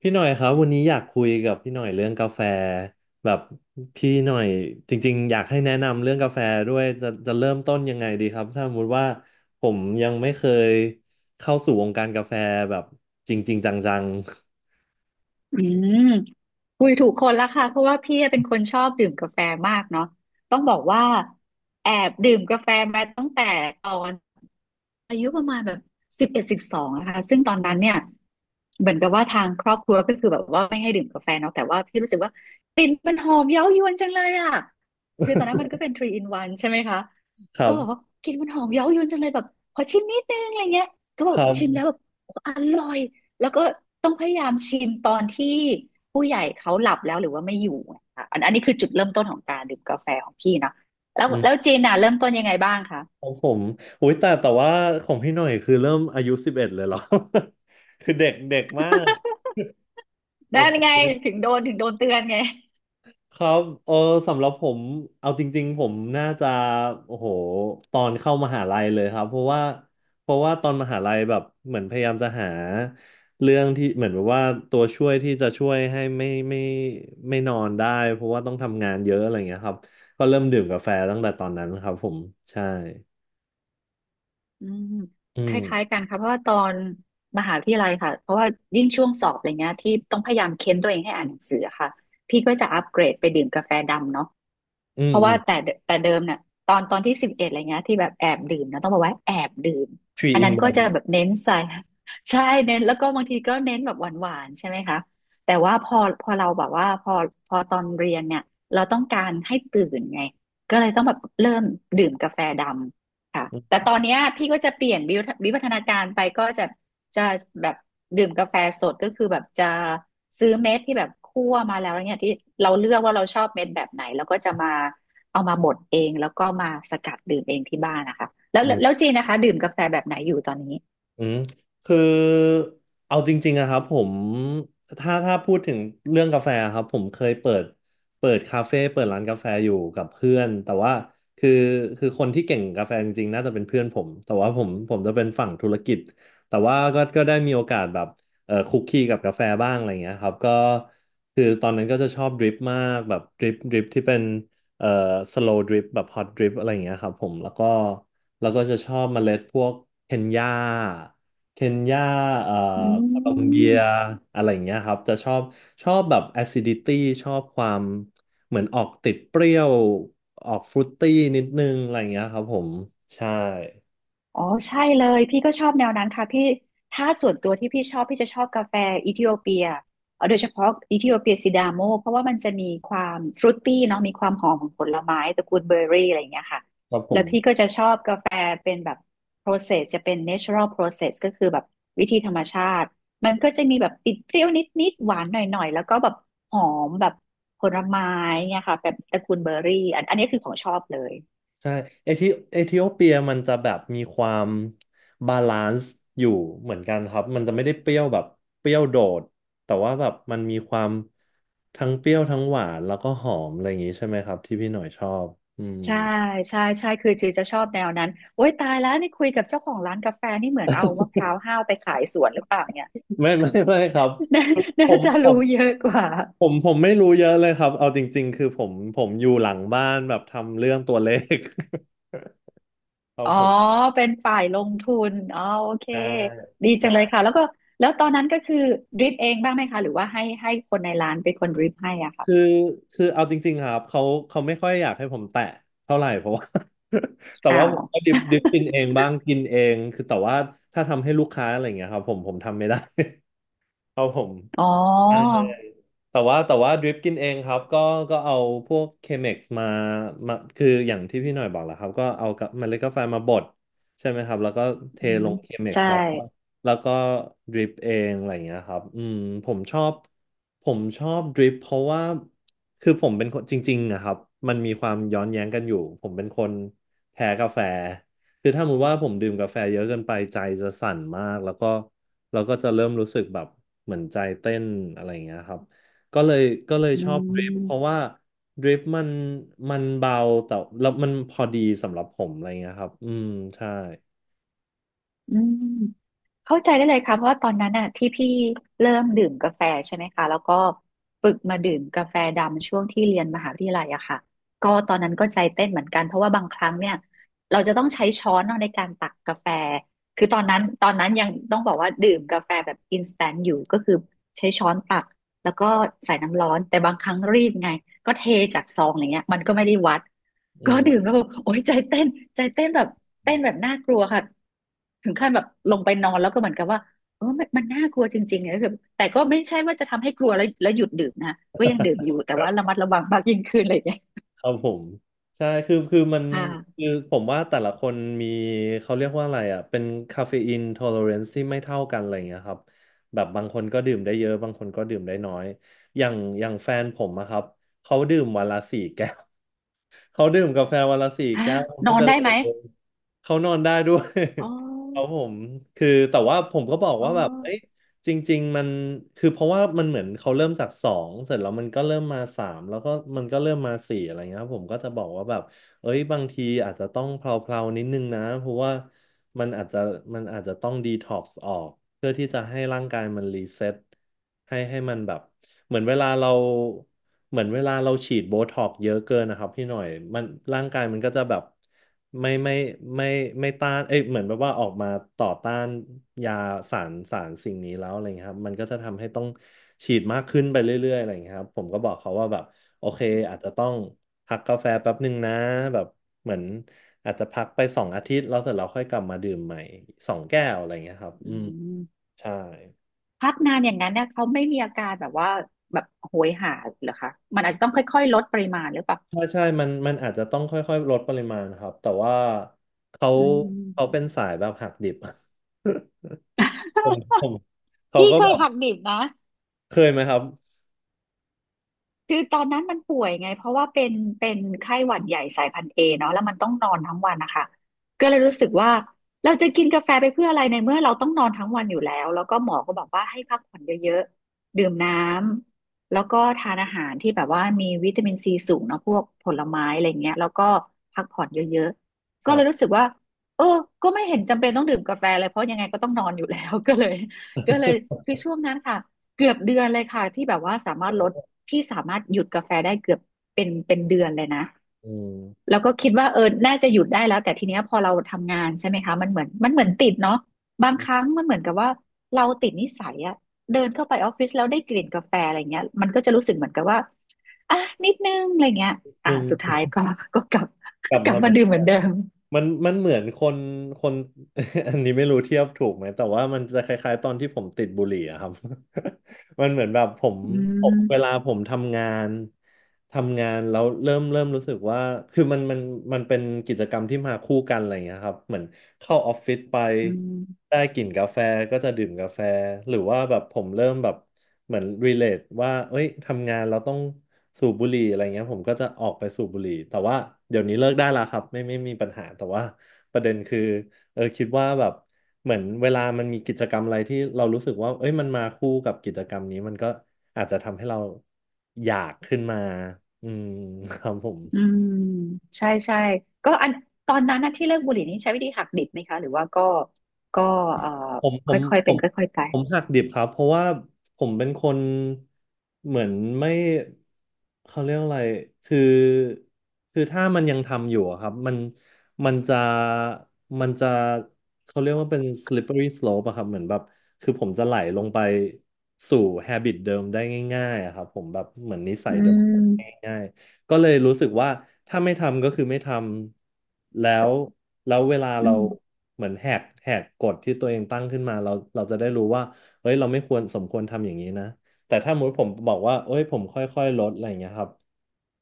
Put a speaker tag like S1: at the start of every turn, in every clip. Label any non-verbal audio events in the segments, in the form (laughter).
S1: พี่หน่อยครับวันนี้อยากคุยกับพี่หน่อยเรื่องกาแฟแบบพี่หน่อยจริงๆอยากให้แนะนำเรื่องกาแฟด้วยจะเริ่มต้นยังไงดีครับถ้าสมมติว่าผมยังไม่เคยเข้าสู่วงการกาแฟแบบจริงๆจัง
S2: อืมคุยถูกคนละค่ะเพราะว่าพี่เป็นคนชอบดื่มกาแฟมากเนาะต้องบอกว่าแอบดื่มกาแฟมาตั้งแต่ตอน อายุประมาณแบบ11, 12นะคะซึ่งตอนนั้นเนี่ยเหมือนกับว่าทางครอบครัวก็คือแบบว่าไม่ให้ดื่มกาแฟเนาะแต่ว่าพี่รู้สึกว่ากลิ่นมันหอมเย้ายวนจังเลยอะคือตอนนั้นมันก็เป็นทรี in o n ใช่ไหมคะ
S1: ๆ (laughs) ครั
S2: ก็
S1: บ
S2: บอกว่ากลิ่นมันหอมเย้ายวนจังเลยแบบขอชิมนิดนึงอะไรเงี้ยก็บ
S1: ค
S2: อก
S1: รับ
S2: ชิมแล้วแบบโอ้อร่อยแล้วก็ต้องพยายามชิมตอนที่ผู้ใหญ่เขาหลับแล้วหรือว่าไม่อยู่อะค่ะอันนี้คือจุดเริ่มต้นของการดื่มกาแฟของพี่เนาะแล้ว
S1: อืม
S2: แล้วจีนน่ะเริ่มต้นยังไงบ้างคะ
S1: ของผมอุ้ยแต่ว่าของพี่หน่อยคือเริ่มอายุ11เลยเหรอ (laughs) คือเด็กเด็กมากโอ
S2: ไั้ไง
S1: เค
S2: ถึงโดนเตือนไง
S1: ครับเออสำหรับผมเอาจริงๆผมน่าจะโอ้โหตอนเข้ามหาลัยเลยครับเพราะว่าตอนมหาลัยแบบเหมือนพยายามจะหาเรื่องที่เหมือนแบบว่าตัวช่วยที่จะช่วยให้ไม่นอนได้เพราะว่าต้องทำงานเยอะอะไรเงี้ยครับก็เริ่มดื่มกาแฟตั้งแต่ตอนนั้นครับผมใช่
S2: อืม
S1: อื
S2: ค
S1: ม
S2: ล้ายๆกันค่ะเพราะว่าตอนมหาวิทยาลัยค่ะเพราะว่ายิ่งช่วงสอบอะไรเงี้ยที่ต้องพยายามเค้นตัวเองให้อ่านหนังสืออะค่ะพี่ก็จะอัปเกรดไปดื่มกาแฟดำเนาะ
S1: อื
S2: เพ
S1: ม
S2: ราะ
S1: อื
S2: ว่า
S1: ม
S2: แต่เดิมเนี่ยตอนที่สิบเอ็ดอะไรเงี้ยที่แบบแอบดื่มนะต้องบอกว่าแอบดื่มอั
S1: three
S2: นนั้น
S1: in
S2: ก็จะ
S1: one
S2: แบบเน้นใส่ (laughs) ใช่เน้นแล้วก็บางทีก็เน้นแบบหวานๆใช่ไหมคะแต่ว่าพอเราแบบว่าพอตอนเรียนเนี่ยเราต้องการให้ตื่นไงก็เลยต้องแบบเริ่มดื่มกาแฟดำ ค่ะแต่ตอนเนี้ยพี่ก็จะเปลี่ยนวิวัฒนาการไปก็จะจะแบบดื่มกาแฟสดก็คือแบบจะซื้อเม็ดที่แบบคั่วมาแล้วเนี่ยที่เราเลือกว่าเราชอบเม็ดแบบไหนแล้วก็จะมาเอามาบดเองแล้วก็มาสกัดดื่มเองที่บ้านนะคะแล้ว
S1: อื
S2: แล้ว
S1: ม
S2: จีนนะคะดื่มกาแฟแบบไหนอยู่ตอนนี้
S1: อืมคือเอาจริงๆอะครับผมถ้าพูดถึงเรื่องกาแฟครับผมเคยเปิดคาเฟ่เปิดร้านกาแฟอยู่กับเพื่อนแต่ว่าคือคือคนที่เก่งกาแฟจริงๆน่าจะเป็นเพื่อนผมแต่ว่าผมจะเป็นฝั่งธุรกิจแต่ว่าก็ได้มีโอกาสแบบคุกคีกับกาแฟบ้างอะไรเงี้ยครับก็คือตอนนั้นก็จะชอบดริปมากแบบดริปที่เป็นเอ่อสโลว์ดริปแบบฮอตดริปอะไรเงี้ยครับผมแล้วก็จะชอบเมล็ดพวกเคนยาเคนยาเอ่อ
S2: อื
S1: โคลอมเบีย
S2: ม
S1: อะไรอย่างเงี้ยครับ จะชอบ ชอบแบบ acidity ชอบความเหมือนออกติดเปรี้ยว ออกฟรุตตี้นิดนึงอะไรอย่างเงี้ยครับผม ใช่
S2: อ๋อใช่เลยพี่ก็ชอบแนวนั้นค่ะพี่ถ้าส่วนตัวที่พี่ชอบพี่จะชอบกาแฟอิเธิโอเปียเอาโดยเฉพาะอิเธิโอเปียซิดาโมเพราะว่ามันจะมีความฟรุตตี้เนาะมีความหอมของผลไม้ตระกูลเบอร์รี่อะไรอย่างเงี้ยค่ะ
S1: ครับผ
S2: แล้
S1: ม
S2: วพี่ก็จะชอบกาแฟเป็นแบบ process จะเป็น natural process ก็คือแบบวิธีธรรมชาติมันก็จะมีแบบติดเปรี้ยวนิดๆหวานหน่อยๆแล้วก็แบบหอมแบบผลไม้เนี่ยค่ะแบบตระกูลเบอร์รี่อันนี้คือของชอบเลย
S1: ใช่เอธิเอธิโอเปียมันจะแบบมีความบาลานซ์อยู่เหมือนกันครับมันจะไม่ได้เปรี้ยวแบบเปรี้ยวโดดแต่ว่าแบบมันมีความทั้งเปรี้ยวทั้งหวานแล้วก็หอมอะไรอย่างนี้ใช่ไหมครับที่พี่หน่อยชอบอืม
S2: ใช่ใช่ใช่คือจีจะชอบแนวนั้นโอ้ยตายแล้วนี่คุยกับเจ้าของร้านกาแฟนี่เหมือนเอามะพร้าวห้าวไปขายสวนหรือเปล่าเนี่ย
S1: ไม่ (laughs) ไม่ไม่ครับ
S2: (laughs) น่า
S1: ผ
S2: น่า
S1: ม
S2: จะ
S1: ผ
S2: รู้
S1: ม
S2: เยอะกว่า
S1: ไม่รู้เยอะเลยครับเอาจริงๆคือผมอยู่หลังบ้านแบบทำเรื่องตัวเลข (laughs) ครั
S2: อ๋
S1: บ
S2: อ
S1: ผม
S2: เป็นฝ่ายลงทุนอ๋อโอเค
S1: ใช่
S2: ดีจังเลยค่ะแล้วก็แล้วตอนนั้นก็คือดริปเองบ้างไหมคะหรือว่าให้คนในร้านเป็นคนดริปให้อ่ะ
S1: คือ
S2: ค่ะ
S1: เอาจริงๆครับเขาไม่ค่อยอยากให้ผมแตะเท่าไหร่ (laughs) เพราะว่า (laughs) แต่
S2: อ้า
S1: ว่าผ
S2: ว
S1: มก็ดิบดิบกินเองบ้างกินเองคือแต่ว่าถ้าทำให้ลูกค้าอะไรอย่างเงี้ยครับผมทำไม่ได้ (laughs) เพราะผม
S2: อ๋อ
S1: แต่ว่าดริปกินเองครับก็เอาพวกเคม็กซ์มามาคืออย่างที่พี่หน่อยบอกแหละครับก็เอากับเมล็ดกาแฟมาบดใช่ไหมครับแล้วก็เท
S2: อื
S1: ล
S2: ม
S1: งเคม็ก
S2: ใช่
S1: ซ์แล้วก็แล้วก็ดริปเองอะไรอย่างเงี้ยครับอืมผมชอบผมชอบดริปเพราะว่าคือผมเป็นคนจริงๆนะครับมันมีความย้อนแย้งกันอยู่ผมเป็นคนแพ้กาแฟคือถ้าสมมติว่าผมดื่มกาแฟเยอะเกินไปใจจะสั่นมากแล้วก็จะเริ่มรู้สึกแบบเหมือนใจเต้นอะไรอย่างเงี้ยครับ ก็เลยก็เลย
S2: อื
S1: ชอบดริฟเพราะ
S2: ม
S1: ว่าดริฟมันเบาแต่แล้วมันพอดีสำหรับผมอะไรเงี้ยครับอืมใช่
S2: อืม เข้าใจได้เลยค่ะเพราะว่าตอนนั้นน่ะที่พี่เริ่มดื่มกาแฟใช่ไหมคะแล้วก็ฝึกมาดื่มกาแฟดำช่วงที่เรียนมหาวิทยาลัยอะค่ะก็ตอนนั้นก็ใจเต้นเหมือนกันเพราะว่าบางครั้งเนี่ยเราจะต้องใช้ช้อนเนาะในการตักกาแฟคือตอนนั้นยังต้องบอกว่าดื่มกาแฟแบบอินสแตนต์อยู่ก็คือใช้ช้อนตักแล้วก็ใส่น้ำร้อนแต่บางครั้งรีบไงก็เทจากซองอย่างเงี้ยมันก็ไม่ได้วัด
S1: อื
S2: ก็ดื่ม
S1: ม
S2: แล้วแบบโอ๊ยใจเต้นใจเต้นแบบเต้นแบบน่ากลัวค่ะถึงขั้นแบบลงไปนอนแล้วก็เหมือนกับว่าเออมันมันน่ากลัวจริงๆเนี่ยก็คือแต่ก็ไม่ใช่ว่าจะทำให้กลัวแล้วหยุดดื่มนะก็ยังดื่มอยู่แต่ว่าระมัดระวังมากยิ่งขึ้นอะไรอย่างเงี้ย
S1: ครับผมใช่คือคือมัน
S2: ค่ะ
S1: คือผมว่าแต่ละคนมีเขาเรียกว่าอะไรอ่ะเป็นคาเฟอีน o l ล r เรนซ์ที่ไม่เท่ากันอะไรอย่างเงี้ยครับแบบบางคนก็ดื่มได้เยอะบางคนก็ดื่มได้น้อยอย่างแฟนผมอะครับเขาดื่มวันละสี่แก้ว เขาดื่มกาแฟวันละสี่
S2: ฮะ
S1: แก้ว
S2: น
S1: ไม่
S2: อน
S1: เป็น
S2: ได้
S1: ไร
S2: ไหม
S1: เลยเขานอนได้ด้วย
S2: อ๋อ
S1: (laughs) เขาผมคือแต่ว่าผมก็บอก
S2: อ๋อ
S1: ว่าแบบเอ้ยจริงๆมันคือเพราะว่ามันเหมือนเขาเริ่มจากสองเสร็จแล้วมันก็เริ่มมาสามแล้วก็มันก็เริ่มมาสี่อะไรเงี้ยครับผมก็จะบอกว่าแบบ เอ้ยบางทีอาจจะต้องเพลาๆนิดนึงนะเพราะว่ามันอาจจะมันอาจจะต้องดีท็อกซ์ออกเพื่อที่จะให้ร่างกายมันรีเซ็ตให้มันแบบเหมือนเวลาเราเหมือนเวลาเราฉีดโบท็อกซ์เยอะเกินนะครับพี่หน่อยมันร่างกายมันก็จะแบบไม่ไม่ไม่ไม่ต้านเอ้ยเหมือนแบบว่าออกมาต่อต้านยาสารสิ่งนี้แล้วอะไรเงี้ยครับมันก็จะทำให้ต้องฉีดมากขึ้นไปเรื่อยๆอะไรเงี้ยครับผมก็บอกเขาว่าแบบ โอเคอาจจะต้องพักกาแฟแป๊บหนึ่งนะแบบเหมือนอาจจะพักไปสองอาทิตย์แล้วเสร็จเราค่อยกลับมาดื่มใหม่สองแก้วอะไรเงี้ยครับ
S2: อื
S1: อืม
S2: ม
S1: ใช่
S2: พักนานอย่างนั้นเนี่ยเขาไม่มีอาการแบบว่าแบบโหยหาเหรอคะมันอาจจะต้องค่อยๆลดปริมาณหรือเปล่า
S1: ใช่ใช่มันอาจจะต้องค่อยๆลดปริมาณครับแต่ว่าเขา
S2: อื
S1: เขา
S2: ม
S1: เป็นสายแบบหักดิบ (laughs) ผม
S2: (laughs)
S1: เขา
S2: พี่
S1: ก็
S2: เค
S1: แบ
S2: ย
S1: บ
S2: หักดิบนะ
S1: เคยไหมครับ
S2: คือตอนนั้นมันป่วยไงเพราะว่าเป็นไข้หวัดใหญ่สายพันธุ์เอเนาะแล้วมันต้องนอนทั้งวันนะคะก็เลยรู้สึกว่าเราจะกินกาแฟไปเพื่ออะไรในเมื่อเราต้องนอนทั้งวันอยู่แล้วแล้วก็หมอก็บอกว่าให้พักผ่อนเยอะๆดื่มน้ำแล้วก็ทานอาหารที่แบบว่ามีวิตามินซีสูงเนาะพวกผลไม้อะไรเงี้ยแล้วก็พักผ่อนเยอะๆ
S1: ค
S2: ก็
S1: รั
S2: เล
S1: บ
S2: ยรู้สึกว่าเออก็ไม่เห็นจำเป็นต้องดื่มกาแฟเลยเพราะยังไงก็ต้องนอนอยู่แล้ว (laughs) ก็เลย
S1: (laughs)
S2: คือช่วงนั้นค่ะ เกือบเดือนเลยค่ะที่แบบว่าสามารถลด
S1: โอ้
S2: พี่สามารถหยุดกาแฟได้เกือบเป็นเดือนเลยนะ
S1: อืม
S2: แล้วก็คิดว่าเออน่าจะหยุดได้แล้วแต่ทีเนี้ยพอเราทำงานใช่ไหมคะมันเหมือนติดเนาะบางครั้
S1: น
S2: งมันเหมือนกับว่าเราติดนิสัยอะเดินเข้าไปออฟฟิศแล้วได้กลิ่นกาแฟอะไรเงี้ยมันก็จะรู้สึกเหมือนกับว่าอ่ะนิดนึงอะไรเงี้ยอ่ะ
S1: นึ
S2: สุดท้า
S1: ง
S2: ยก็กลับ
S1: กลับ
S2: (laughs) กลั
S1: มา
S2: บ
S1: เห
S2: มา
S1: มือน
S2: ดื่มเหมือนเดิม
S1: มันเหมือนคน (laughs) อันนี้ไม่รู้เทียบถูกไหมแต่ว่ามันจะคล้ายๆตอนที่ผมติดบุหรี่อะครับ (laughs) มันเหมือนแบบผม
S2: อื
S1: ผมเวลา
S2: ม
S1: ผมทำงาน ทำงานแล้วเริ่มรู้สึกว่าคือมันมันเป็นกิจกรรมที่มาคู่กันอะไรอย่างเงี้ยครับเหมือนเข้าออฟฟิศไป
S2: อืม
S1: ได้กลิ่นกาแฟก็จะดื่มกาแฟหรือว่าแบบผมเริ่มแบบเหมือนรีเลทว่าเอ้ยทำงานเราต้องสูบบุหรี่อะไรเงี้ยผมก็จะออกไปสูบบุหรี่แต่ว่าเดี๋ยวนี้เลิกได้แล้วครับไม่มีปัญหาแต่ว่าประเด็นคือ เออคิดว่าแบบเหมือนเวลามันมีกิจกรรมอะไรที่เรารู้สึกว่าเอ้ยมันมาคู่กับกิจกรรมนี้มันก็อาจจะทำให้เราอยากขึ้นมาอืม (laughs) ครับผม
S2: อืมใช่ใช่ก็อันตอนนั้นนะที่เลิกบุหรี่นี่ใช้วิธีหักดิบไหมคะหรือว่าก็เอ่อ
S1: ผมผ
S2: ค
S1: ม
S2: ่อยๆ
S1: ผ
S2: เป็น
S1: ม
S2: ค่อยๆไป
S1: ผมหักดิบครับเพราะว่าผมเป็นคนเหมือนไม่เขาเรียกอะไรคือคือถ้ามันยังทำอยู่อะครับมันมันจะมันจะเขาเรียกว่าเป็น slippery slope อะครับเหมือนแบบคือผมจะไหลลงไปสู่ habit เดิมได้ง่ายๆอะครับผมแบบเหมือนนิสั
S2: อื
S1: ยเดิม
S2: ม
S1: ง่าย ก็เลยรู้สึกว่าถ้าไม่ทำก็คือไม่ทำแล้วแล้วเวลา
S2: อื
S1: เรา
S2: ม
S1: เหมือนแหกกฎที่ตัวเองตั้งขึ้นมาเราจะได้รู้ว่าเฮ้ยเราไม่ควรสมควรทำอย่างนี้นะแต่ถ้าสมมติผมบอกว่าเอ้ยผมค่อยๆลดอะไรอย่างเงี้ยครับ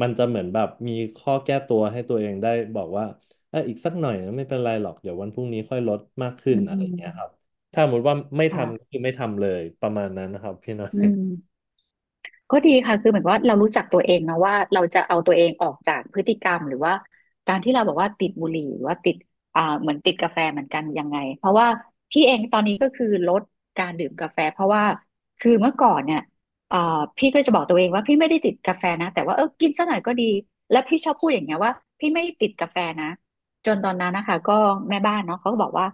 S1: มันจะเหมือนแบบมีข้อแก้ตัวให้ตัวเองได้บอกว่าเอออีกสักหน่อยนะไม่เป็นไรหรอกเดี๋ยววันพรุ่งนี้ค่อยลดมากขึ้น
S2: อื
S1: อะไรอย่างเงี้ยครับ
S2: ม
S1: ถ้าสมมติว่าไม่
S2: ค่ะ
S1: ทำก็คือไม่ทำเลยประมาณนั้นนะครับพี่น้อ
S2: อื
S1: ย
S2: ม ก็ดีค่ะคือเหมือนว่าเรารู้จักตัวเองนะว่าเราจะเอาตัวเองออกจากพฤติกรรมหรือว่าการที่เราบอกว่าติดบุหรี่หรือว่าติดเหมือนติดกาแฟเหมือนกันยังไงเพราะว่าพี่เองตอนนี้ก็คือลดการดื่มกาแฟเพราะว่าคือเมื่อก่อนเนี่ยอ่าพี่ก็จะบอกตัวเองว่าพี่ไม่ได้ติดกาแฟนะแต่ว่าเออกินสักหน่อยก็ดีและพี่ชอบพูดอย่างเงี้ยว่าพี่ไม่ได้ติดกาแฟนะจนตอนนั้นนะคะก็แม่บ้านเนาะเขาก็บอกว่า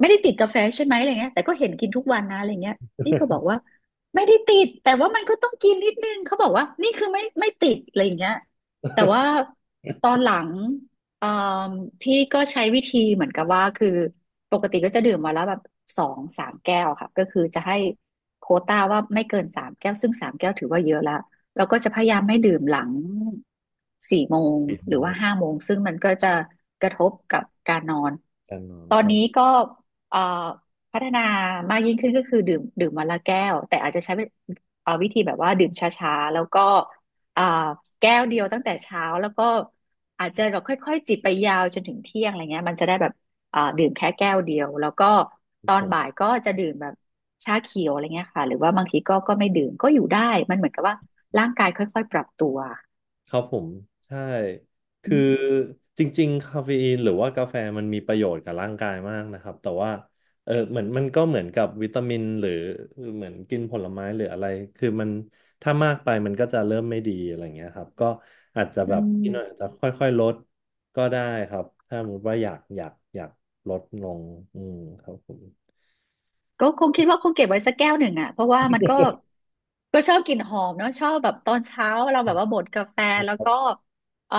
S2: ไม่ได้ติดกาแฟใช่ไหมอะไรเงี้ยแต่ก็เห็นกินทุกวันนะอะไรเงี้ยพี่ก็บอกว่า ไม่ได้ติดแต่ว่ามันก็ต้องกินนิดนึงเขาบอกว่านี่คือไม่ติดอะไรอย่างเงี้ยแต่ว่าตอนหลังเอ่อพี่ก็ใช้วิธีเหมือนกับว่าคือปกติก็จะดื่มวาแลวแบบสองสามแก้วค่ะก็คือจะให้โควต้าว่าไม่เกินสามแก้วซึ่งสามแก้วถือว่าเยอะละเราก็จะพยายามไม่ดื่มหลังสี่โมง
S1: (laughs) ปิด
S2: ห
S1: โม
S2: รือว่า
S1: ง
S2: ห้าโมงซึ่งมันก็จะกระทบกับการนอน
S1: การนอน
S2: ตอ
S1: ค
S2: น
S1: รับ
S2: นี้ก็เอ่อ พัฒนามากยิ่งขึ้นก็คือดื่มวันละแก้วแต่อาจจะใช้เป็นวิธีแบบว่าดื่มช้าๆแล้วก็อ่าแก้วเดียวตั้งแต่เช้าแล้วก็อาจจะแบบค่อยๆจิบไปยาวจนถึงเที่ยงอะไรเงี้ยมันจะได้แบบดื่มแค่แก้วเดียวแล้วก็
S1: ผ
S2: ตอน
S1: ม
S2: บ่ายก็จะดื่มแบบชาเขียวอะไรเงี้ยค่ะหรือว่าบางทีก็ไม่ดื่มก็อยู่ได้มันเหมือนกับว่าร่างกายค่อยๆปรับตัว
S1: ครับผมใช่
S2: อื
S1: คือ
S2: ม
S1: จริงๆคาเฟอีนหรือว่ากาแฟมันมีประโยชน์กับร่างกายมากนะครับแต่ว่าเออเหมือนมันก็เหมือนกับวิตามินหรือเหมือนกินผลไม้หรืออะไรคือมันถ้ามากไปมันก็จะเริ่มไม่ดีอะไรเงี้ยครับก็อาจจะ
S2: อื
S1: แบบพี่หน่อยอาจ
S2: ม
S1: จะค่อยๆลดก็ได้ครับถ้าสมมติว่าอยากลดลงอืมครับผม
S2: ก็คงคิดว่าคงเก็บไว้สักแก้วหนึ่งอ่ะเพราะว่ามันก็ ก็ชอบกลิ่นหอมเนาะชอบแบบตอนเช้าเราแบบว่าบดกาแฟแล้วก็เออ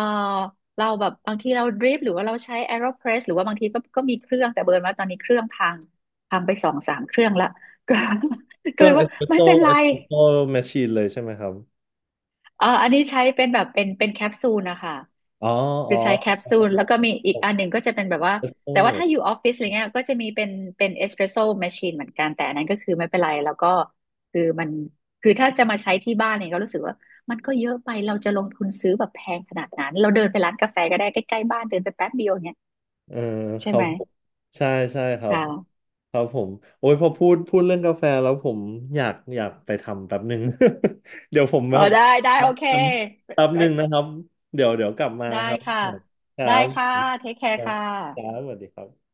S2: เราแบบบางทีเราดริปหรือว่าเราใช้ AeroPress หรือว่าบางทีก็มีเครื่องแต่เบิร์นว่าตอนนี้เครื่องพังไปสองสามเครื่องละก็ (laughs)
S1: เค
S2: ก็
S1: รื่
S2: เล
S1: อง
S2: ย
S1: เอ
S2: ว่า
S1: สเปรส
S2: ไม่
S1: โซ่
S2: เป็นไร
S1: เอสเปรสโซ่แมชชีนเลยใช่ไหมครับ
S2: เอออันนี้ใช้เป็นแบบเป็นแคปซูลนะคะ
S1: อ๋ออ๋
S2: คื
S1: อ
S2: อใช้แคปซูลแล้วก็มีอีก
S1: เอส
S2: อันหนึ่งก็จะเป็นแบบว่า
S1: เปรสโซ่
S2: แต่ว่าถ้าอยู่ออฟฟิศอะไรเงี้ยก็จะมีเป็นเป็นเอสเปรสโซ่แมชชีนเหมือนกันแต่อันนั้นก็คือไม่เป็นไรแล้วก็คือมันคือถ้าจะมาใช้ที่บ้านเนี่ยก็รู้สึกว่ามันก็เยอะไปเราจะลงทุนซื้อแบบแพงขนาดนั้นเราเดินไปร้านกาแฟก็ได้ใกล้ๆบ้านเดินไปแป๊บเดียวเนี่ย
S1: เออค
S2: ใช่
S1: รั
S2: ไห
S1: บ
S2: ม
S1: ผมใช่ใช่ครับ
S2: ค่ะ
S1: ครับผมโอ้ยพอพูดเรื่องกาแฟแล้วผมอยากไปทำแป๊บหนึ่ง (laughs) เดี๋ยวผมแบ
S2: อ๋อ
S1: บ
S2: ได้ได้โอเค
S1: ท
S2: ไป
S1: ำแป๊บ
S2: ไป
S1: หนึ่งนะครับเดี๋ยวกลับมา
S2: ได้
S1: ครับ
S2: ค่ะ
S1: ครั
S2: ได้
S1: บ
S2: ค่ะเทคแค
S1: ค
S2: ร์
S1: รับ
S2: ค่ะ
S1: ครับสวัสดีครับ